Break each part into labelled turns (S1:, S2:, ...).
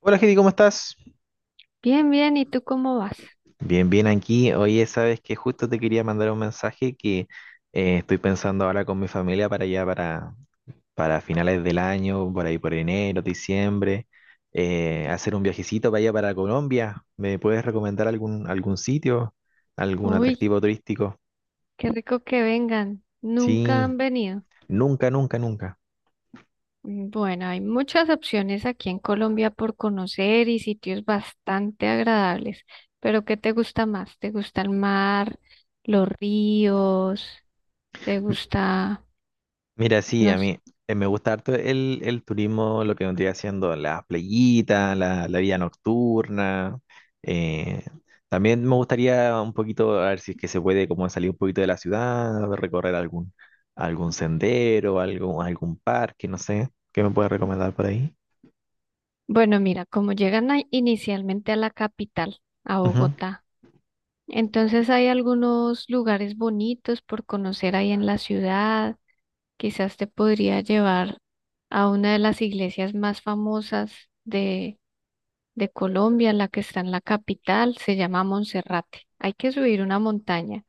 S1: Hola, Heidi, ¿cómo estás?
S2: Bien, bien, ¿y tú cómo vas?
S1: Bien, bien aquí. Oye, sabes que justo te quería mandar un mensaje que estoy pensando ahora con mi familia para allá, para finales del año, por ahí por enero, diciembre, hacer un viajecito para allá para Colombia. ¿Me puedes recomendar algún sitio, algún
S2: Uy,
S1: atractivo turístico?
S2: qué rico que vengan. Nunca
S1: Sí,
S2: han venido.
S1: nunca, nunca, nunca.
S2: Bueno, hay muchas opciones aquí en Colombia por conocer y sitios bastante agradables. Pero ¿qué te gusta más? ¿Te gusta el mar, los ríos? ¿Te gusta,
S1: Mira, sí,
S2: no
S1: a
S2: sé?
S1: mí me gusta harto el turismo, lo que vendría haciendo las playitas, la vida nocturna. eh, También me gustaría un poquito, a ver si es que se puede como salir un poquito de la ciudad, recorrer algún sendero, algún parque, no sé. ¿Qué me puedes recomendar por ahí?
S2: Bueno, mira, como inicialmente a la capital, a
S1: Ujú.
S2: Bogotá, entonces hay algunos lugares bonitos por conocer ahí en la ciudad. Quizás te podría llevar a una de las iglesias más famosas de, de Colombia, la que está en la capital, se llama Monserrate. Hay que subir una montaña,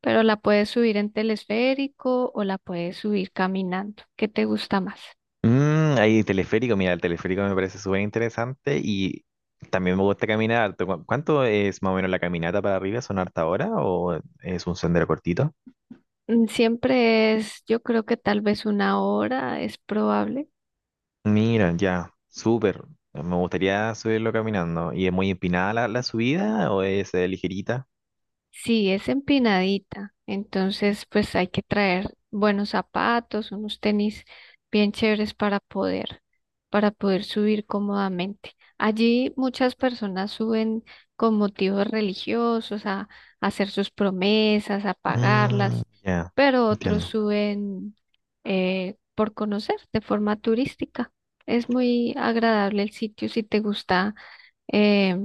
S2: pero la puedes subir en telesférico o la puedes subir caminando. ¿Qué te gusta más?
S1: Mm, ahí teleférico, mira, el teleférico me parece súper interesante y también me gusta caminar harto. ¿Cuánto es más o menos la caminata para arriba? ¿Son harta hora o es un sendero cortito?
S2: Siempre es, yo creo que tal vez una hora es probable.
S1: Mira, ya, súper. Me gustaría subirlo caminando. ¿Y es muy empinada la subida o es ligerita?
S2: Sí, es empinadita, entonces pues hay que traer buenos zapatos, unos tenis bien chéveres para poder subir cómodamente. Allí muchas personas suben con motivos religiosos a hacer sus promesas, a
S1: Mm,
S2: pagarlas,
S1: ya,
S2: pero otros
S1: entiendo.
S2: suben por conocer de forma turística. Es muy agradable el sitio si te gusta eh,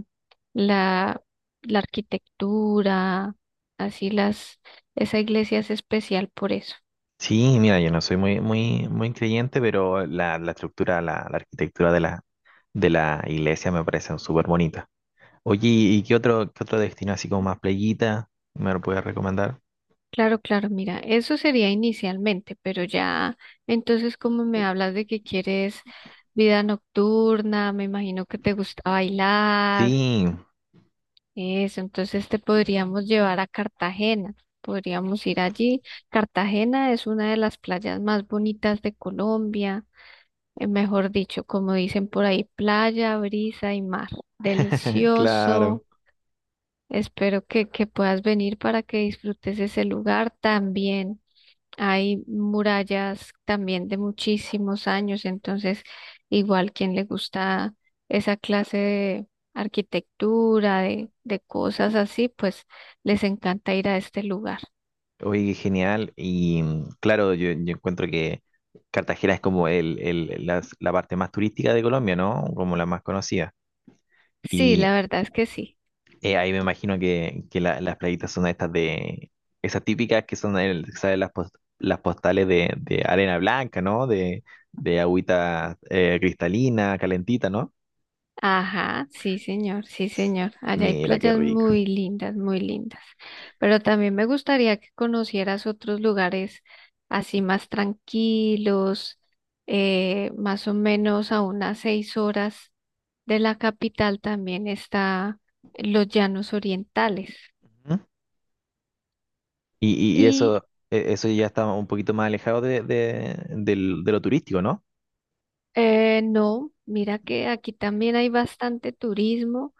S2: la, la arquitectura, así las, esa iglesia es especial por eso.
S1: Sí, mira, yo no soy muy, muy, muy creyente, pero la estructura, la arquitectura de la iglesia me parecen súper bonita. Oye, ¿y qué otro destino así como más playita me lo puedes recomendar?
S2: Claro, claro, mira, eso sería inicialmente, pero ya, entonces como me hablas de que quieres vida nocturna, me imagino que te gusta bailar,
S1: Sí,
S2: eso, entonces te podríamos llevar a Cartagena, podríamos ir allí. Cartagena es una de las playas más bonitas de Colombia. Mejor dicho, como dicen por ahí, playa, brisa y mar. Delicioso.
S1: claro.
S2: Espero que puedas venir para que disfrutes ese lugar también. Hay murallas también de muchísimos años, entonces igual quien le gusta esa clase de arquitectura, de cosas así, pues les encanta ir a este lugar.
S1: Oye, qué genial. Y mm, claro, yo encuentro que Cartagena es como la parte más turística de Colombia, ¿no? Como la más conocida.
S2: Sí,
S1: Y
S2: la verdad es que sí.
S1: ahí me imagino que las playitas son estas de, esas típicas que son, el, ¿sabes? Las postales de arena blanca, ¿no? De agüita cristalina, calentita, ¿no?
S2: Ajá, sí, señor, sí, señor. Allá hay
S1: Mira, qué
S2: playas
S1: rico.
S2: muy lindas, muy lindas. Pero también me gustaría que conocieras otros lugares así más tranquilos, más o menos a unas 6 horas de la capital también está los Llanos Orientales.
S1: ¿Mm? Y
S2: Y
S1: eso, eso ya está un poquito más alejado de lo turístico, ¿no?
S2: no, mira que aquí también hay bastante turismo,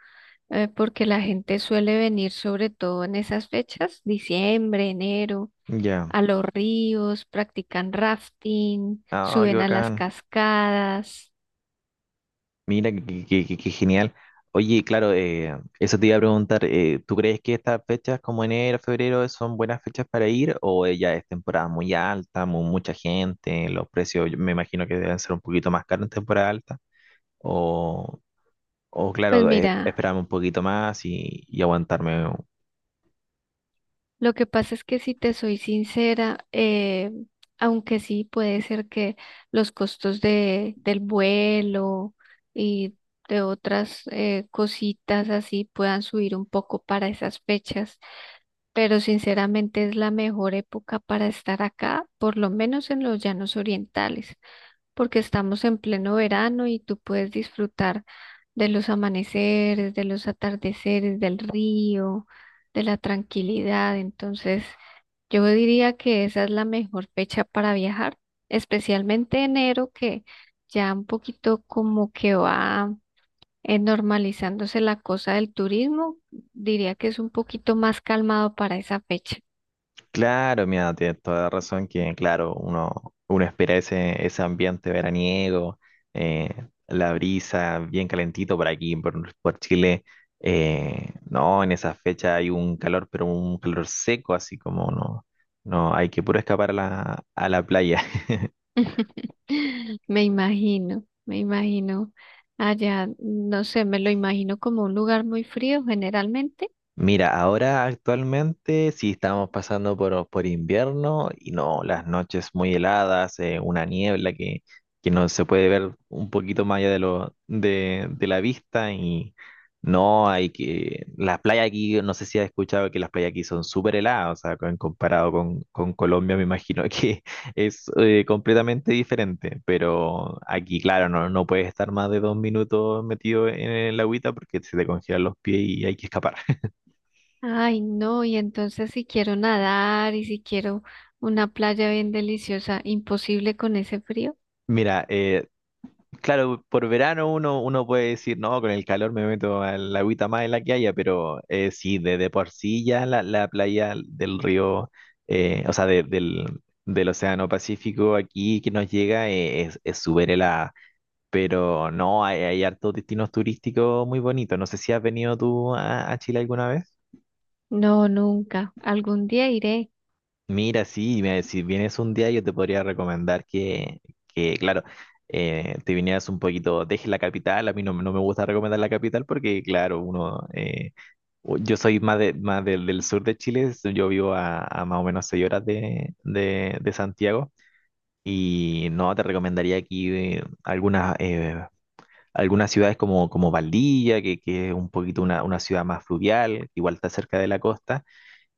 S2: porque la gente suele venir sobre todo en esas fechas, diciembre, enero
S1: Ya.
S2: a los ríos, practican rafting,
S1: Ah, qué
S2: suben a las
S1: bacán.
S2: cascadas.
S1: Mira, qué, qué genial. Oye, claro, eso te iba a preguntar, ¿tú crees que estas fechas como enero, febrero son buenas fechas para ir o ya es temporada muy alta, mucha gente, los precios yo me imagino que deben ser un poquito más caros en temporada alta? O, o
S2: Pues
S1: claro,
S2: mira,
S1: esperarme un poquito más y aguantarme.
S2: lo que pasa es que si te soy sincera, aunque sí puede ser que los costos del vuelo y de otras cositas así puedan subir un poco para esas fechas, pero sinceramente es la mejor época para estar acá, por lo menos en los Llanos Orientales. Porque estamos en pleno verano y tú puedes disfrutar de los amaneceres, de los atardeceres, del río, de la tranquilidad. Entonces, yo diría que esa es la mejor fecha para viajar, especialmente enero, que ya un poquito como que va normalizándose la cosa del turismo. Diría que es un poquito más calmado para esa fecha.
S1: Claro, mira, tienes toda la razón que, claro, uno, uno espera ese, ese ambiente veraniego, eh, la brisa bien calentito por aquí, por Chile. No, en esa fecha hay un calor, pero un calor seco, así como no, no, hay que puro escapar a la playa.
S2: Me imagino allá, no sé, me lo imagino como un lugar muy frío generalmente.
S1: Mira, ahora actualmente sí estamos pasando por invierno y no, las noches muy heladas, una niebla que no se puede ver un poquito más allá de, lo, de la vista y no hay que... Las playas aquí, no sé si has escuchado que las playas aquí son súper heladas, o sea, comparado con Colombia me imagino que es completamente diferente, pero aquí claro, no, no puedes estar más de dos minutos metido en el agüita porque se te congelan los pies y hay que escapar.
S2: Ay, no, y entonces si quiero nadar y si quiero una playa bien deliciosa, imposible con ese frío.
S1: Mira, claro, por verano uno, uno puede decir, no, con el calor me meto a la agüita más en la que haya, pero sí, de por sí ya la playa del río, o sea, del Océano Pacífico aquí que nos llega es súper helada, pero no, hay hartos destinos turísticos muy bonitos. No sé si has venido tú a Chile alguna vez.
S2: No, nunca. Algún día iré.
S1: Mira, sí, mira, si vienes un día yo te podría recomendar que claro, te vinieras un poquito, dejes la capital, a mí no, no me gusta recomendar la capital porque, claro, uno, yo soy más, de, más del, del sur de Chile, yo vivo a más o menos seis horas de Santiago y no, te recomendaría aquí algunas, algunas ciudades como, como Valdivia, que es un poquito una ciudad más fluvial, igual está cerca de la costa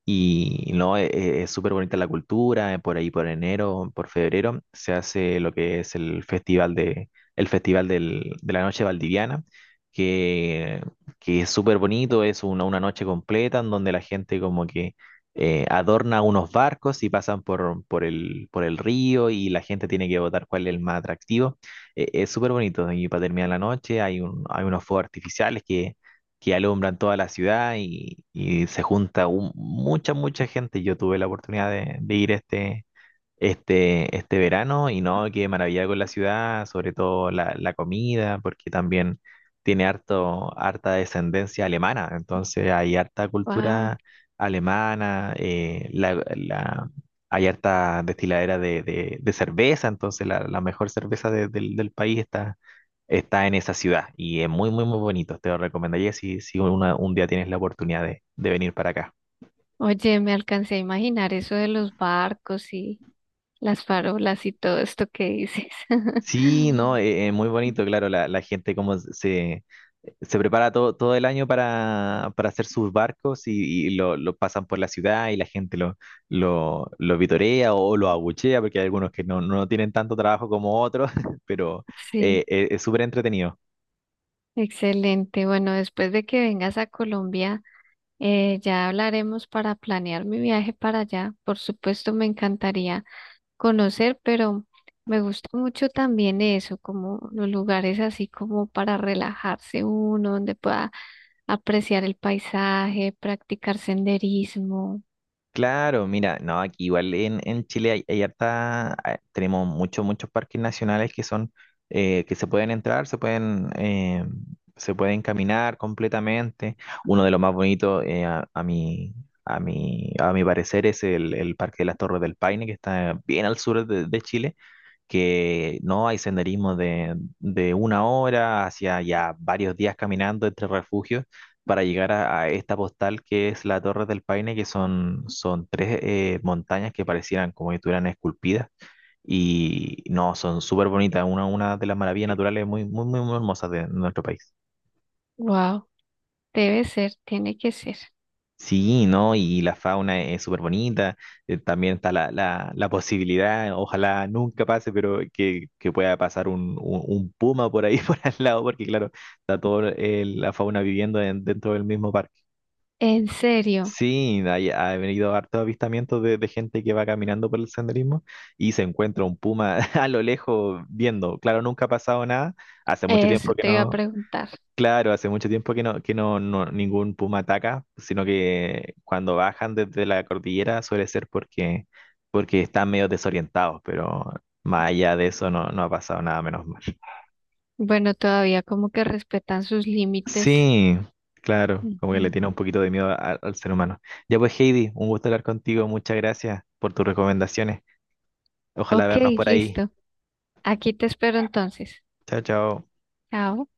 S1: y no, es súper bonita la cultura, por ahí por enero, por febrero, se hace lo que es el festival de, el festival de la noche valdiviana, que, que es súper bonito, es una noche completa en donde la gente como que adorna unos barcos y pasan por el río y la gente tiene que votar cuál es el más atractivo. Es súper bonito y para terminar la noche hay, hay unos fuegos artificiales que alumbran toda la ciudad y se junta mucha, mucha gente. Yo tuve la oportunidad de ir a este, este, este verano y no, qué maravilla con la ciudad, sobre todo la comida, porque también tiene harto, harta descendencia alemana, entonces hay harta
S2: Wow.
S1: cultura alemana, hay harta destiladera de, de cerveza, entonces la mejor cerveza del país está, está en esa ciudad y es muy, muy, muy bonito, te lo recomendaría si, un día tienes la oportunidad de venir para acá.
S2: Oye, me alcancé a imaginar eso de los barcos y las farolas y todo esto que dices.
S1: Sí, no, muy bonito, claro, la gente como se prepara todo, todo el año para hacer sus barcos y lo pasan por la ciudad y la gente lo, lo vitorea o lo abuchea, porque hay algunos que no, no tienen tanto trabajo como otros, pero
S2: Sí,
S1: es súper entretenido.
S2: excelente. Bueno, después de que vengas a Colombia, ya hablaremos para planear mi viaje para allá. Por supuesto, me encantaría conocer, pero me gusta mucho también eso, como los lugares así como para relajarse uno, donde pueda apreciar el paisaje, practicar senderismo.
S1: Claro, mira, no, aquí igual en Chile hay, hay harta, ah, tenemos muchos, muchos parques nacionales que son, que se pueden entrar, se pueden caminar completamente. Uno de los más bonitos, a, a mi parecer, es el Parque de las Torres del Paine, que está bien al sur de Chile, que no hay senderismo de una hora hacia ya varios días caminando entre refugios para llegar a esta postal que es la Torre del Paine, que son, son tres montañas que parecieran como si estuvieran esculpidas y no, son súper bonitas, una de las maravillas naturales muy, muy, muy, muy hermosas de nuestro país.
S2: Wow, debe ser, tiene que ser.
S1: Sí, ¿no? Y la fauna es súper bonita. También está la posibilidad, ojalá nunca pase, pero que pueda pasar un puma por ahí, por al lado, porque claro, está toda la fauna viviendo dentro del mismo parque.
S2: En serio,
S1: Sí, hay, ha venido hartos avistamientos de gente que va caminando por el senderismo y se encuentra un puma a lo lejos viendo. Claro, nunca ha pasado nada. Hace mucho
S2: eso
S1: tiempo que
S2: te iba a
S1: no,
S2: preguntar.
S1: claro, hace mucho tiempo que no, ningún puma ataca, sino que cuando bajan desde la cordillera suele ser porque, porque están medio desorientados, pero más allá de eso no, no ha pasado nada, menos mal.
S2: Bueno, todavía como que respetan sus límites.
S1: Sí, claro, como que le
S2: Ujú.
S1: tiene un poquito de miedo al ser humano. Ya pues, Heidi, un gusto hablar contigo, muchas gracias por tus recomendaciones. Ojalá
S2: Ok,
S1: vernos por ahí.
S2: listo. Aquí te espero entonces.
S1: Chao, chao.
S2: Chao.